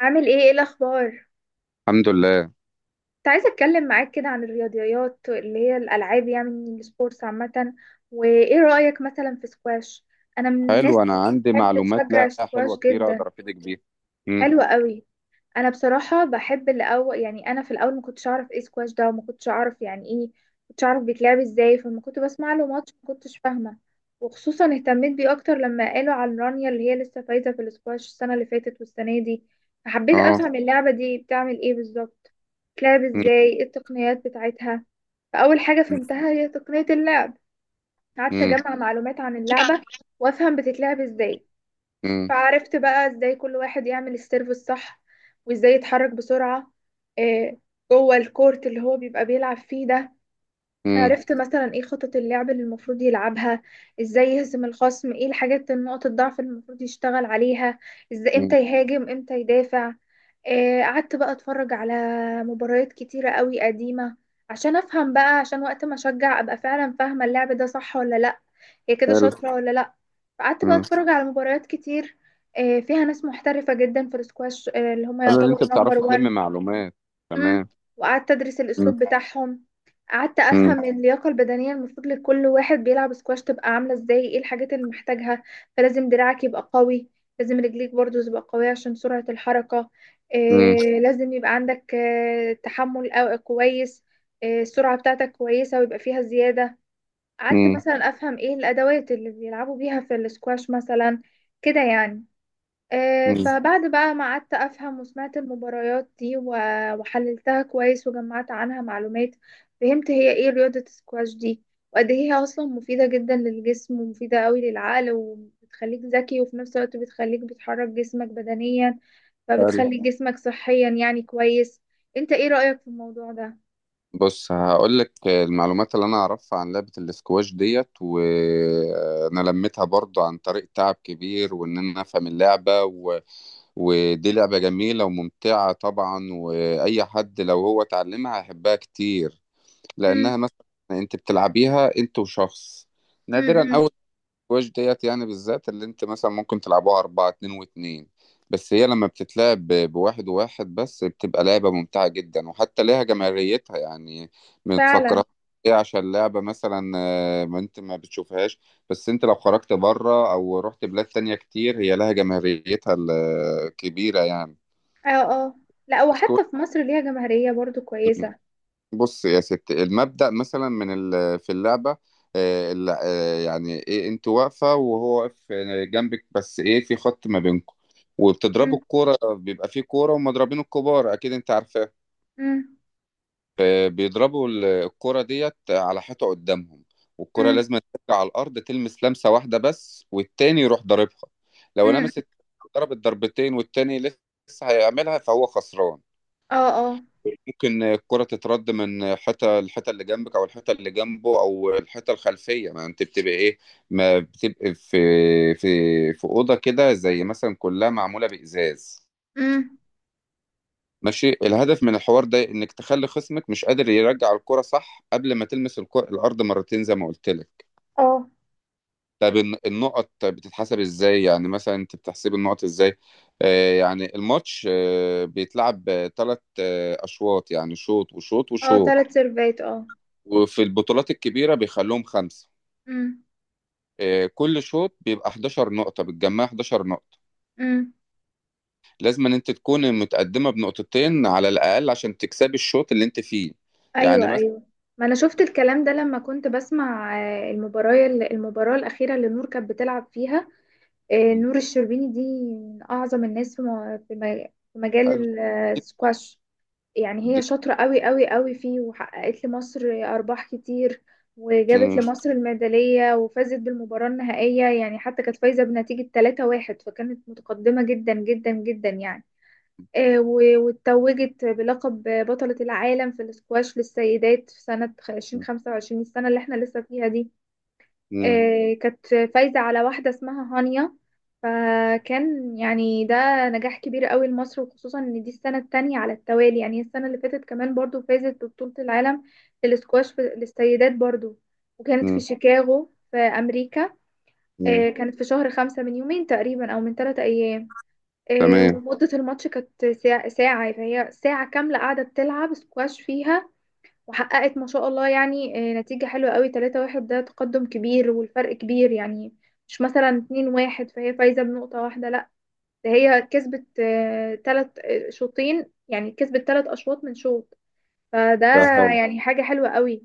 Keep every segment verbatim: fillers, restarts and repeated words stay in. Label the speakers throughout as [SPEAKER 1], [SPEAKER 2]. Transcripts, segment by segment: [SPEAKER 1] عامل ايه، ايه الاخبار؟
[SPEAKER 2] الحمد لله.
[SPEAKER 1] كنت عايزه اتكلم معاك كده عن الرياضيات اللي هي الالعاب، يعني السبورتس عامه. وايه رايك مثلا في سكواش؟ انا من الناس
[SPEAKER 2] حلو،
[SPEAKER 1] اللي
[SPEAKER 2] انا عندي
[SPEAKER 1] بتحب
[SPEAKER 2] معلومات
[SPEAKER 1] تشجع
[SPEAKER 2] لا حلوه
[SPEAKER 1] السكواش
[SPEAKER 2] كتير
[SPEAKER 1] جدا.
[SPEAKER 2] اقدر افيدك بيها. امم.
[SPEAKER 1] حلوه قوي. انا بصراحه بحب الاول، يعني انا في الاول ما كنتش اعرف ايه سكواش ده، وما كنتش اعرف يعني ايه، ما كنتش اعرف بيتلعب ازاي، فلما كنت بسمع له ماتش ما كنتش فاهمه. وخصوصا اهتميت بيه اكتر لما قالوا عن رانيا اللي هي لسه فايزه في السكواش السنه اللي فاتت والسنه دي. فحبيت
[SPEAKER 2] اه.
[SPEAKER 1] افهم اللعبه دي بتعمل ايه بالظبط، بتلعب
[SPEAKER 2] امم.
[SPEAKER 1] ازاي، ايه التقنيات بتاعتها. فاول حاجه فهمتها هي تقنيه اللعب. قعدت
[SPEAKER 2] امم.
[SPEAKER 1] اجمع معلومات عن اللعبه وافهم بتتلعب ازاي.
[SPEAKER 2] امم.
[SPEAKER 1] فعرفت بقى ازاي كل واحد يعمل السيرف الصح، وازاي يتحرك بسرعة آه، جوه الكورت اللي هو بيبقى بيلعب فيه ده.
[SPEAKER 2] امم.
[SPEAKER 1] عرفت مثلا ايه خطط اللعب اللي المفروض يلعبها، ازاي يهزم الخصم، ايه الحاجات نقط الضعف اللي المفروض يشتغل عليها، ازاي،
[SPEAKER 2] أمم.
[SPEAKER 1] امتى يهاجم امتى يدافع. آه، قعدت بقى اتفرج على مباريات كتيرة قوي قديمة، عشان افهم بقى، عشان وقت ما اشجع ابقى فعلا فاهمة اللعب ده صح ولا لا، هي كده
[SPEAKER 2] حلو.
[SPEAKER 1] شاطرة ولا لأ. فقعدت بقى
[SPEAKER 2] امم
[SPEAKER 1] اتفرج على مباريات كتير آه، فيها ناس محترفة جدا في السكواش، آه، اللي هم
[SPEAKER 2] حلو ان انت
[SPEAKER 1] يعتبروا نمبر
[SPEAKER 2] بتعرفي تلمي
[SPEAKER 1] وان.
[SPEAKER 2] معلومات.
[SPEAKER 1] مم.
[SPEAKER 2] تمام.
[SPEAKER 1] وقعدت أدرس
[SPEAKER 2] امم.
[SPEAKER 1] الأسلوب بتاعهم. قعدت
[SPEAKER 2] امم.
[SPEAKER 1] أفهم اللياقة البدنية المفروض لكل واحد بيلعب سكواش تبقى عاملة ازاي، ايه الحاجات اللي محتاجها. فلازم دراعك يبقى قوي، لازم رجليك برضو تبقى قوية عشان سرعة الحركة.
[SPEAKER 2] امم.
[SPEAKER 1] آه، لازم يبقى عندك آه، تحمل أو- كويس، آه، السرعة بتاعتك كويسة ويبقى فيها زيادة. قعدت
[SPEAKER 2] أمم.
[SPEAKER 1] مثلا افهم ايه الادوات اللي بيلعبوا بيها في الاسكواش مثلا، كده يعني. آه،
[SPEAKER 2] أمم.
[SPEAKER 1] فبعد بقى ما قعدت افهم وسمعت المباريات دي و- وحللتها كويس وجمعت عنها معلومات، فهمت هي ايه رياضة السكواش دي، وقد ايه هي اصلا مفيدة جدا للجسم ومفيدة قوي للعقل وبتخليك ذكي وفي نفس الوقت بتخليك بتحرك جسمك بدنيا،
[SPEAKER 2] حلو.
[SPEAKER 1] فبتخلي طبعا جسمك صحيا، يعني كويس. انت ايه رأيك في الموضوع ده؟
[SPEAKER 2] بص هقول لك المعلومات اللي انا اعرفها عن لعبه الاسكواش ديت، وانا لميتها برضو عن طريق تعب كبير، وان انا افهم اللعبه و... ودي لعبه جميله وممتعه طبعا، واي حد لو هو اتعلمها هيحبها كتير.
[SPEAKER 1] امم،
[SPEAKER 2] لانها مثلا انت بتلعبيها انت وشخص، نادرا
[SPEAKER 1] امم،
[SPEAKER 2] قوي. السكواش ديت يعني بالذات اللي انت مثلا ممكن تلعبوها اربعة، اتنين واتنين. بس هي لما بتتلعب ب- بواحد وواحد بس بتبقى لعبة ممتعة جدا، وحتى ليها جماهيريتها يعني. ما
[SPEAKER 1] فعلا.
[SPEAKER 2] تفكرها ايه، عشان لعبة مثلا، آه، ما انت ما بتشوفهاش. بس انت لو خرجت بره او رحت بلاد تانية كتير هي لها جماهيريتها الكبيرة يعني.
[SPEAKER 1] اه، اه. لا،
[SPEAKER 2] سكواش.
[SPEAKER 1] وحتى في مصر ليها جماهيرية برضو كويسة.
[SPEAKER 2] بص يا ست، المبدأ مثلا من ال- في اللعبة، آه، الل- آه، يعني ايه، انت واقفة وهو واقف جنبك، بس ايه، في خط ما بينكم. وبتضربوا
[SPEAKER 1] مم،
[SPEAKER 2] الكورة، بيبقى في كورة ومضربين الكبار، أكيد أنت عارفاه.
[SPEAKER 1] مم،
[SPEAKER 2] آه، بيضربوا ال- الكورة ديت على حيطة قدامهم. والكورة
[SPEAKER 1] مم،
[SPEAKER 2] لازم ترجع على الأرض تلمس لمسة واحدة بس، والتاني يروح ضاربها. لو
[SPEAKER 1] مم.
[SPEAKER 2] لمست ضربت ضربتين والتاني لسه هيعملها فهو خسران.
[SPEAKER 1] اه، اه.
[SPEAKER 2] ممكن الكرة تترد من حتة، الحتة اللي جنبك أو الحتة اللي جنبه أو الحتة الخلفية، ما أنت بتبقى إيه، ما بتبقى في في في أوضة كده، زي مثلا كلها معمولة بإزاز.
[SPEAKER 1] مم،
[SPEAKER 2] ماشي، الهدف من الحوار ده إنك تخلي خصمك مش قادر يرجع الكرة صح قبل ما تلمس الكرة الأرض مرتين، زي ما قلت لك.
[SPEAKER 1] اه،
[SPEAKER 2] طب الن- النقط بتتحسب إزاي، يعني مثلا أنت بتحسب النقط إزاي؟ آه يعني الماتش آه بيتلعب ثلاث آه أشواط، يعني شوط وشوط
[SPEAKER 1] اه تلات
[SPEAKER 2] وشوط.
[SPEAKER 1] سيرفات، اه.
[SPEAKER 2] وفي البطولات الكبيرة بيخلوهم خمسة.
[SPEAKER 1] مم،
[SPEAKER 2] آه، كل شوط بيبقى إحداشر نقطة، بتجمع إحداشر نقطة.
[SPEAKER 1] مم.
[SPEAKER 2] لازم ان انت تكون متقدمة بنقطتين على الأقل عشان تكسبي الشوط اللي انت فيه. يعني
[SPEAKER 1] ايوه،
[SPEAKER 2] مثلا.
[SPEAKER 1] ايوه. ما انا شفت الكلام ده لما كنت بسمع آه، المباراة المباراة الأخيرة اللي نور كانت بتلعب فيها، آه، نور الشربيني دي من أعظم الناس في م- في م- في
[SPEAKER 2] حلو.
[SPEAKER 1] مجال السكواش. يعني هي
[SPEAKER 2] جداً.
[SPEAKER 1] شاطرة قوي قوي قوي فيه، وحققت لمصر أرباح كتير، وجابت
[SPEAKER 2] مم.
[SPEAKER 1] لمصر الميدالية وفازت بالمباراة النهائية، يعني حتى كانت فايزة بنتيجة تلاتة واحد، فكانت متقدمة جدا جدا جدا، يعني آه، و- واتوجت بلقب بطلة العالم في الاسكواش للسيدات في سنة ألفين وخمسة وعشرين، السنة اللي احنا لسه فيها دي.
[SPEAKER 2] مم.
[SPEAKER 1] آه، كانت فايزة على واحدة اسمها هانيا. فكان يعني ده نجاح كبير قوي لمصر، وخصوصا ان دي السنة التانية على التوالي، يعني السنة اللي فاتت كمان برضو فازت ببطولة العالم في الاسكواش في- للسيدات برضو، وكانت في
[SPEAKER 2] مم.
[SPEAKER 1] شيكاغو في أمريكا.
[SPEAKER 2] مم.
[SPEAKER 1] آه، كانت في شهر خمسة من يومين تقريبا أو من ثلاثة أيام. آه،
[SPEAKER 2] تمام.
[SPEAKER 1] ومدة الماتش كانت ساعة ساعة، فهي ساعة كاملة قاعدة بتلعب سكواش فيها. وحققت ما شاء الله، يعني آه، نتيجة حلوة قوي، تلاتة واحد ده تقدم كبير والفرق كبير، يعني مش مثلا اتنين واحد فهي فايزة بنقطة واحدة، لا، ده هي كسبت آه، تلت آه، شوطين، يعني كسبت تلت أشواط من شوط. فده
[SPEAKER 2] ده حلو.
[SPEAKER 1] يعني حاجة حلوة قوي.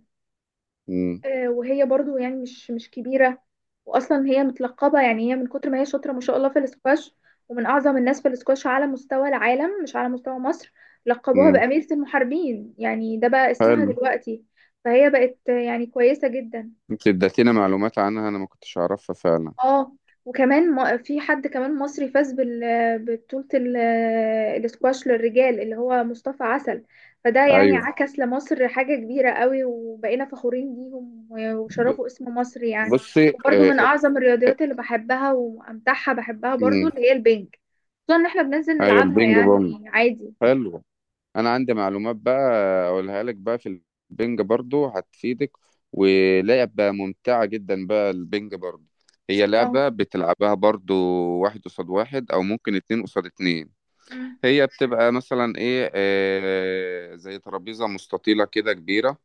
[SPEAKER 2] مم.
[SPEAKER 1] آه، وهي برضو يعني مش مش كبيرة، وأصلا هي متلقبة، يعني هي من كتر ما هي شاطرة ما شاء الله في الاسكواش، ومن أعظم الناس في الاسكواش على مستوى العالم مش على مستوى مصر. لقبوها
[SPEAKER 2] مم.
[SPEAKER 1] بأميرة المحاربين، يعني ده بقى اسمها
[SPEAKER 2] حلو،
[SPEAKER 1] دلوقتي. فهي بقت آه، يعني كويسة جدا.
[SPEAKER 2] انت اديتينا معلومات عنها انا ما كنتش اعرفها فعلا.
[SPEAKER 1] اه. وكمان ما- في حد كمان مصري فاز بال ببطولة ال- الاسكواش للرجال اللي هو مصطفى عسل. فده يعني
[SPEAKER 2] ايوه.
[SPEAKER 1] عكس لمصر حاجة كبيرة قوي، وبقينا فخورين بيهم و-
[SPEAKER 2] ب-
[SPEAKER 1] وشرفوا اسم مصر، يعني.
[SPEAKER 2] بصي،
[SPEAKER 1] وبرضو
[SPEAKER 2] آه،
[SPEAKER 1] من
[SPEAKER 2] آه،
[SPEAKER 1] أعظم الرياضيات اللي بحبها وأمتعها بحبها برضو
[SPEAKER 2] مم.
[SPEAKER 1] اللي هي البنج، خصوصا إن احنا بننزل
[SPEAKER 2] ايوه
[SPEAKER 1] نلعبها
[SPEAKER 2] البينج بونج.
[SPEAKER 1] يعني عادي.
[SPEAKER 2] حلو، انا عندي معلومات بقى اقولها لك بقى. في البنج برضو هتفيدك، ولعبة ممتعة جدا بقى البنج برضو. هي
[SPEAKER 1] اه،
[SPEAKER 2] لعبة بتلعبها برضو واحد قصاد واحد، او ممكن اتنين قصاد اتنين.
[SPEAKER 1] أمم،
[SPEAKER 2] هي بتبقى مثلا ايه، آه زي ترابيزة مستطيلة كده كبيرة.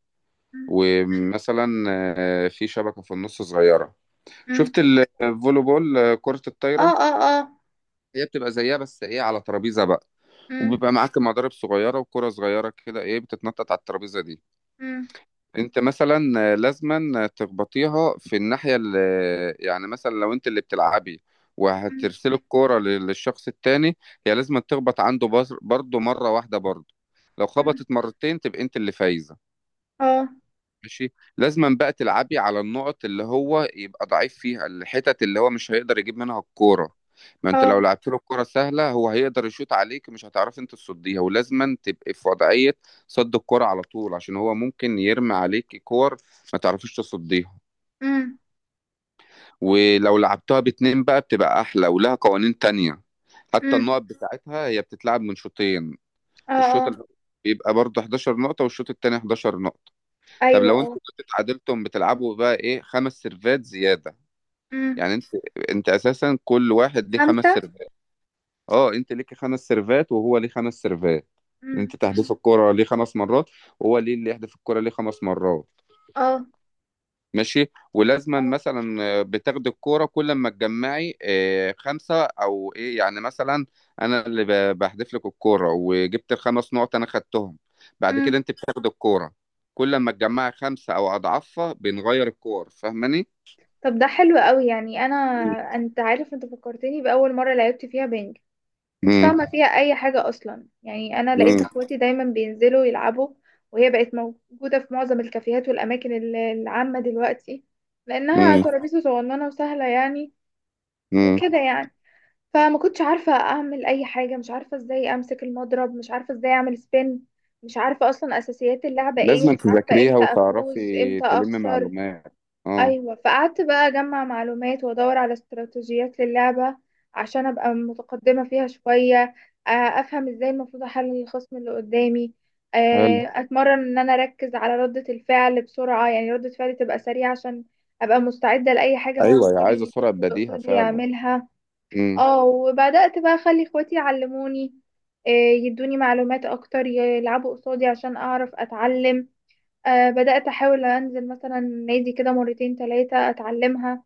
[SPEAKER 1] أمم،
[SPEAKER 2] ومثلا آه في شبكة في النص صغيرة.
[SPEAKER 1] أمم.
[SPEAKER 2] شفت الفولي بول، آه، كرة
[SPEAKER 1] اه،
[SPEAKER 2] الطايرة؟
[SPEAKER 1] اه، اه.
[SPEAKER 2] هي بتبقى زيها بس ايه على ترابيزة بقى.
[SPEAKER 1] أمم،
[SPEAKER 2] وبيبقى معاك مضارب صغيرة وكرة صغيرة كده ايه بتتنطط على الترابيزة دي.
[SPEAKER 1] أمم،
[SPEAKER 2] انت مثلا لازما تخبطيها في الناحيه اللي، يعني مثلا لو انت اللي بتلعبي
[SPEAKER 1] أمم،
[SPEAKER 2] وهترسلي الكوره لل- للشخص التاني، هي لازم تخبط عنده بر- برضه مره واحده برضه. لو
[SPEAKER 1] أمم.
[SPEAKER 2] خبطت مرتين تبقى انت اللي فايزه.
[SPEAKER 1] اه،
[SPEAKER 2] ماشي، لازما بقى تلعبي على النقط اللي هو يبقى ضعيف فيها، الحتت اللي هو مش هيقدر يجيب منها الكورة. ما انت لو
[SPEAKER 1] اه.
[SPEAKER 2] لعبت له الكورة سهلة هو هيقدر يشوط عليك، مش هتعرف انت تصديها، ولازما تبقي في وضعية صد الكورة على طول عشان هو ممكن يرمي عليك كور ما تعرفيش تصديها.
[SPEAKER 1] أمم،
[SPEAKER 2] ولو لعبتها باتنين بقى بتبقى أحلى ولها قوانين تانية. حتى
[SPEAKER 1] أمم.
[SPEAKER 2] النقط بتاعتها هي بتتلعب من شوطين.
[SPEAKER 1] اه،
[SPEAKER 2] الشوط
[SPEAKER 1] اه.
[SPEAKER 2] الأول بيبقى برضه إحداشر نقطة، والشوط التاني إحداشر نقطة. طب
[SPEAKER 1] ايوه،
[SPEAKER 2] لو
[SPEAKER 1] اه.
[SPEAKER 2] انتوا كنتوا اتعادلتم بتلعبوا بقى ايه خمس سيرفات زياده.
[SPEAKER 1] امم،
[SPEAKER 2] يعني انت انت اساسا كل واحد ليه خمس
[SPEAKER 1] خمسة،
[SPEAKER 2] سيرفات. اه، انت ليك خمس سيرفات وهو ليه خمس سيرفات.
[SPEAKER 1] امم.
[SPEAKER 2] انت تحدف الكرة ليه خمس مرات، وهو ليه اللي يحدف الكرة ليه خمس مرات.
[SPEAKER 1] اه،
[SPEAKER 2] ماشي، ولازما
[SPEAKER 1] اه.
[SPEAKER 2] مثلا آه، بتاخد الكوره كل ما تجمعي آه، خمسه او ايه، يعني مثلا انا اللي ب- بحذف لك الكوره وجبت الخمس نقط انا خدتهم. بعد
[SPEAKER 1] امم.
[SPEAKER 2] كده انت بتاخد الكوره كل ما تجمعي خمسه او اضعافها بنغير الكور، فاهماني؟
[SPEAKER 1] طب، ده حلو قوي، يعني انا، انت عارف، انت فكرتني باول مره لعبت فيها بينج، كنت
[SPEAKER 2] امم.
[SPEAKER 1] فاهمه فيها اي حاجه اصلا، يعني انا لقيت
[SPEAKER 2] امم.
[SPEAKER 1] اخواتي دايما بينزلوا يلعبوا، وهي بقت موجوده في معظم الكافيهات والاماكن ال- العامه دلوقتي، لانها
[SPEAKER 2] امم.
[SPEAKER 1] ترابيزه صغننه وسهله، يعني،
[SPEAKER 2] امم.
[SPEAKER 1] وكده يعني. فما كنتش عارفة اعمل اي حاجة، مش عارفة ازاي امسك المضرب، مش عارفة ازاي اعمل سبين، مش عارفة اصلا اساسيات اللعبة ايه،
[SPEAKER 2] لازم
[SPEAKER 1] مش عارفة
[SPEAKER 2] تذاكريها
[SPEAKER 1] امتى افوز
[SPEAKER 2] وتعرفي
[SPEAKER 1] امتى
[SPEAKER 2] تلمي
[SPEAKER 1] اخسر.
[SPEAKER 2] معلومات. اه.
[SPEAKER 1] ايوه، فقعدت بقى اجمع معلومات وادور على استراتيجيات للعبة عشان ابقى متقدمة فيها شوية. آه، افهم ازاي المفروض احلل الخصم اللي قدامي.
[SPEAKER 2] حلو.
[SPEAKER 1] آه، اتمرن ان انا اركز على ردة الفعل بسرعة، يعني ردة فعلي تبقى سريعة عشان ابقى مستعدة لاي حاجة هو
[SPEAKER 2] ايوه،
[SPEAKER 1] ممكن
[SPEAKER 2] عايزه
[SPEAKER 1] إن
[SPEAKER 2] سرعه
[SPEAKER 1] الخصم اللي
[SPEAKER 2] بديهه
[SPEAKER 1] قصادي
[SPEAKER 2] فعلا.
[SPEAKER 1] يعملها.
[SPEAKER 2] امم.
[SPEAKER 1] اه. وبدأت بقى اخلي اخواتي يعلموني، آه، يدوني معلومات اكتر، يلعبوا قصادي عشان اعرف اتعلم. آه، بدأت احاول انزل مثلا نادي كده مرتين تلاتة اتعلمها،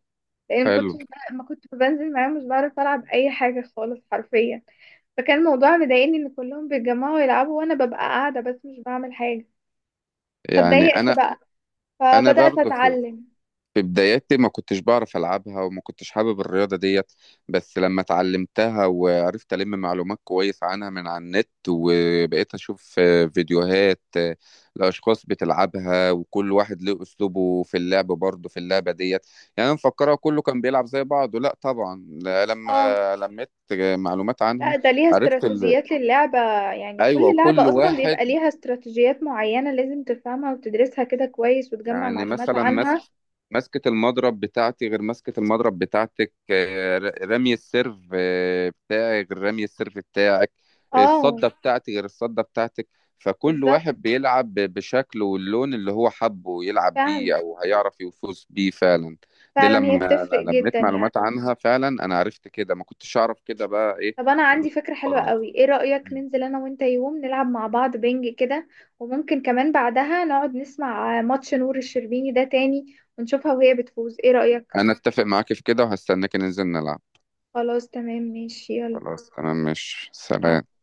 [SPEAKER 1] لان ما كنتش
[SPEAKER 2] حلو،
[SPEAKER 1] بقى- ما كنت بنزل معاهم مش بعرف العب اي حاجة خالص حرفيا. فكان الموضوع مضايقني ان كلهم بيتجمعوا يلعبوا وانا ببقى قاعدة بس مش بعمل حاجة،
[SPEAKER 2] يعني
[SPEAKER 1] فاتضايقت
[SPEAKER 2] انا
[SPEAKER 1] بقى،
[SPEAKER 2] انا
[SPEAKER 1] فبدأت
[SPEAKER 2] برضه في
[SPEAKER 1] اتعلم.
[SPEAKER 2] بداياتي ما كنتش بعرف ألعبها وما كنتش حابب الرياضة ديت. بس لما اتعلمتها وعرفت ألم معلومات كويس عنها من على النت، وبقيت أشوف آه، فيديوهات آه، لأشخاص بتلعبها، وكل واحد له أسلوبه في اللعب برضه في اللعبة ديت. يعني أنا مفكرها كله كان بيلعب زي بعضه، لا طبعا لا،
[SPEAKER 1] اه،
[SPEAKER 2] لما لميت معلومات
[SPEAKER 1] لا،
[SPEAKER 2] عنها
[SPEAKER 1] ده ليها
[SPEAKER 2] عرفت ال...
[SPEAKER 1] استراتيجيات للعبة، يعني
[SPEAKER 2] أيوة
[SPEAKER 1] كل
[SPEAKER 2] كل
[SPEAKER 1] لعبة أصلا بيبقى
[SPEAKER 2] واحد،
[SPEAKER 1] ليها استراتيجيات معينة لازم تفهمها وتدرسها كده كويس وتجمع
[SPEAKER 2] يعني
[SPEAKER 1] معلومات
[SPEAKER 2] مثلا مس...
[SPEAKER 1] عنها.
[SPEAKER 2] مسكة المضرب بتاعتي غير مسكة المضرب بتاعتك، آه، ر- رمي السيرف آه، بتاعي غير رمي السيرف بتاعك.
[SPEAKER 1] اه،
[SPEAKER 2] الصدة بتاعتي غير الصدة بتاعتك. فكل
[SPEAKER 1] بالظبط.
[SPEAKER 2] واحد بيلعب ب- بشكله واللون اللي هو حبه يلعب بيه
[SPEAKER 1] فعلا.
[SPEAKER 2] أو هيعرف يفوز بيه فعلا. دي
[SPEAKER 1] فعلا هي
[SPEAKER 2] لما
[SPEAKER 1] بتفرق
[SPEAKER 2] أنا
[SPEAKER 1] جدا،
[SPEAKER 2] لميت
[SPEAKER 1] يعني.
[SPEAKER 2] معلومات عنها فعلا أنا عرفت كده، ما كنتش أعرف كده بقى إيه.
[SPEAKER 1] طب أنا عندي فكرة حلوة قوي، ايه رأيك ننزل أنا وأنت يوم نلعب مع بعض بينج كده، وممكن كمان بعدها نقعد نسمع ماتش نور الشربيني ده تاني ونشوفها وهي بتفوز، ايه رأيك؟
[SPEAKER 2] أنا أتفق معاك في كده وهستناك ننزل نلعب.
[SPEAKER 1] خلاص، تمام، ماشي، يلا،
[SPEAKER 2] خلاص تمام، مش سلام.
[SPEAKER 1] مع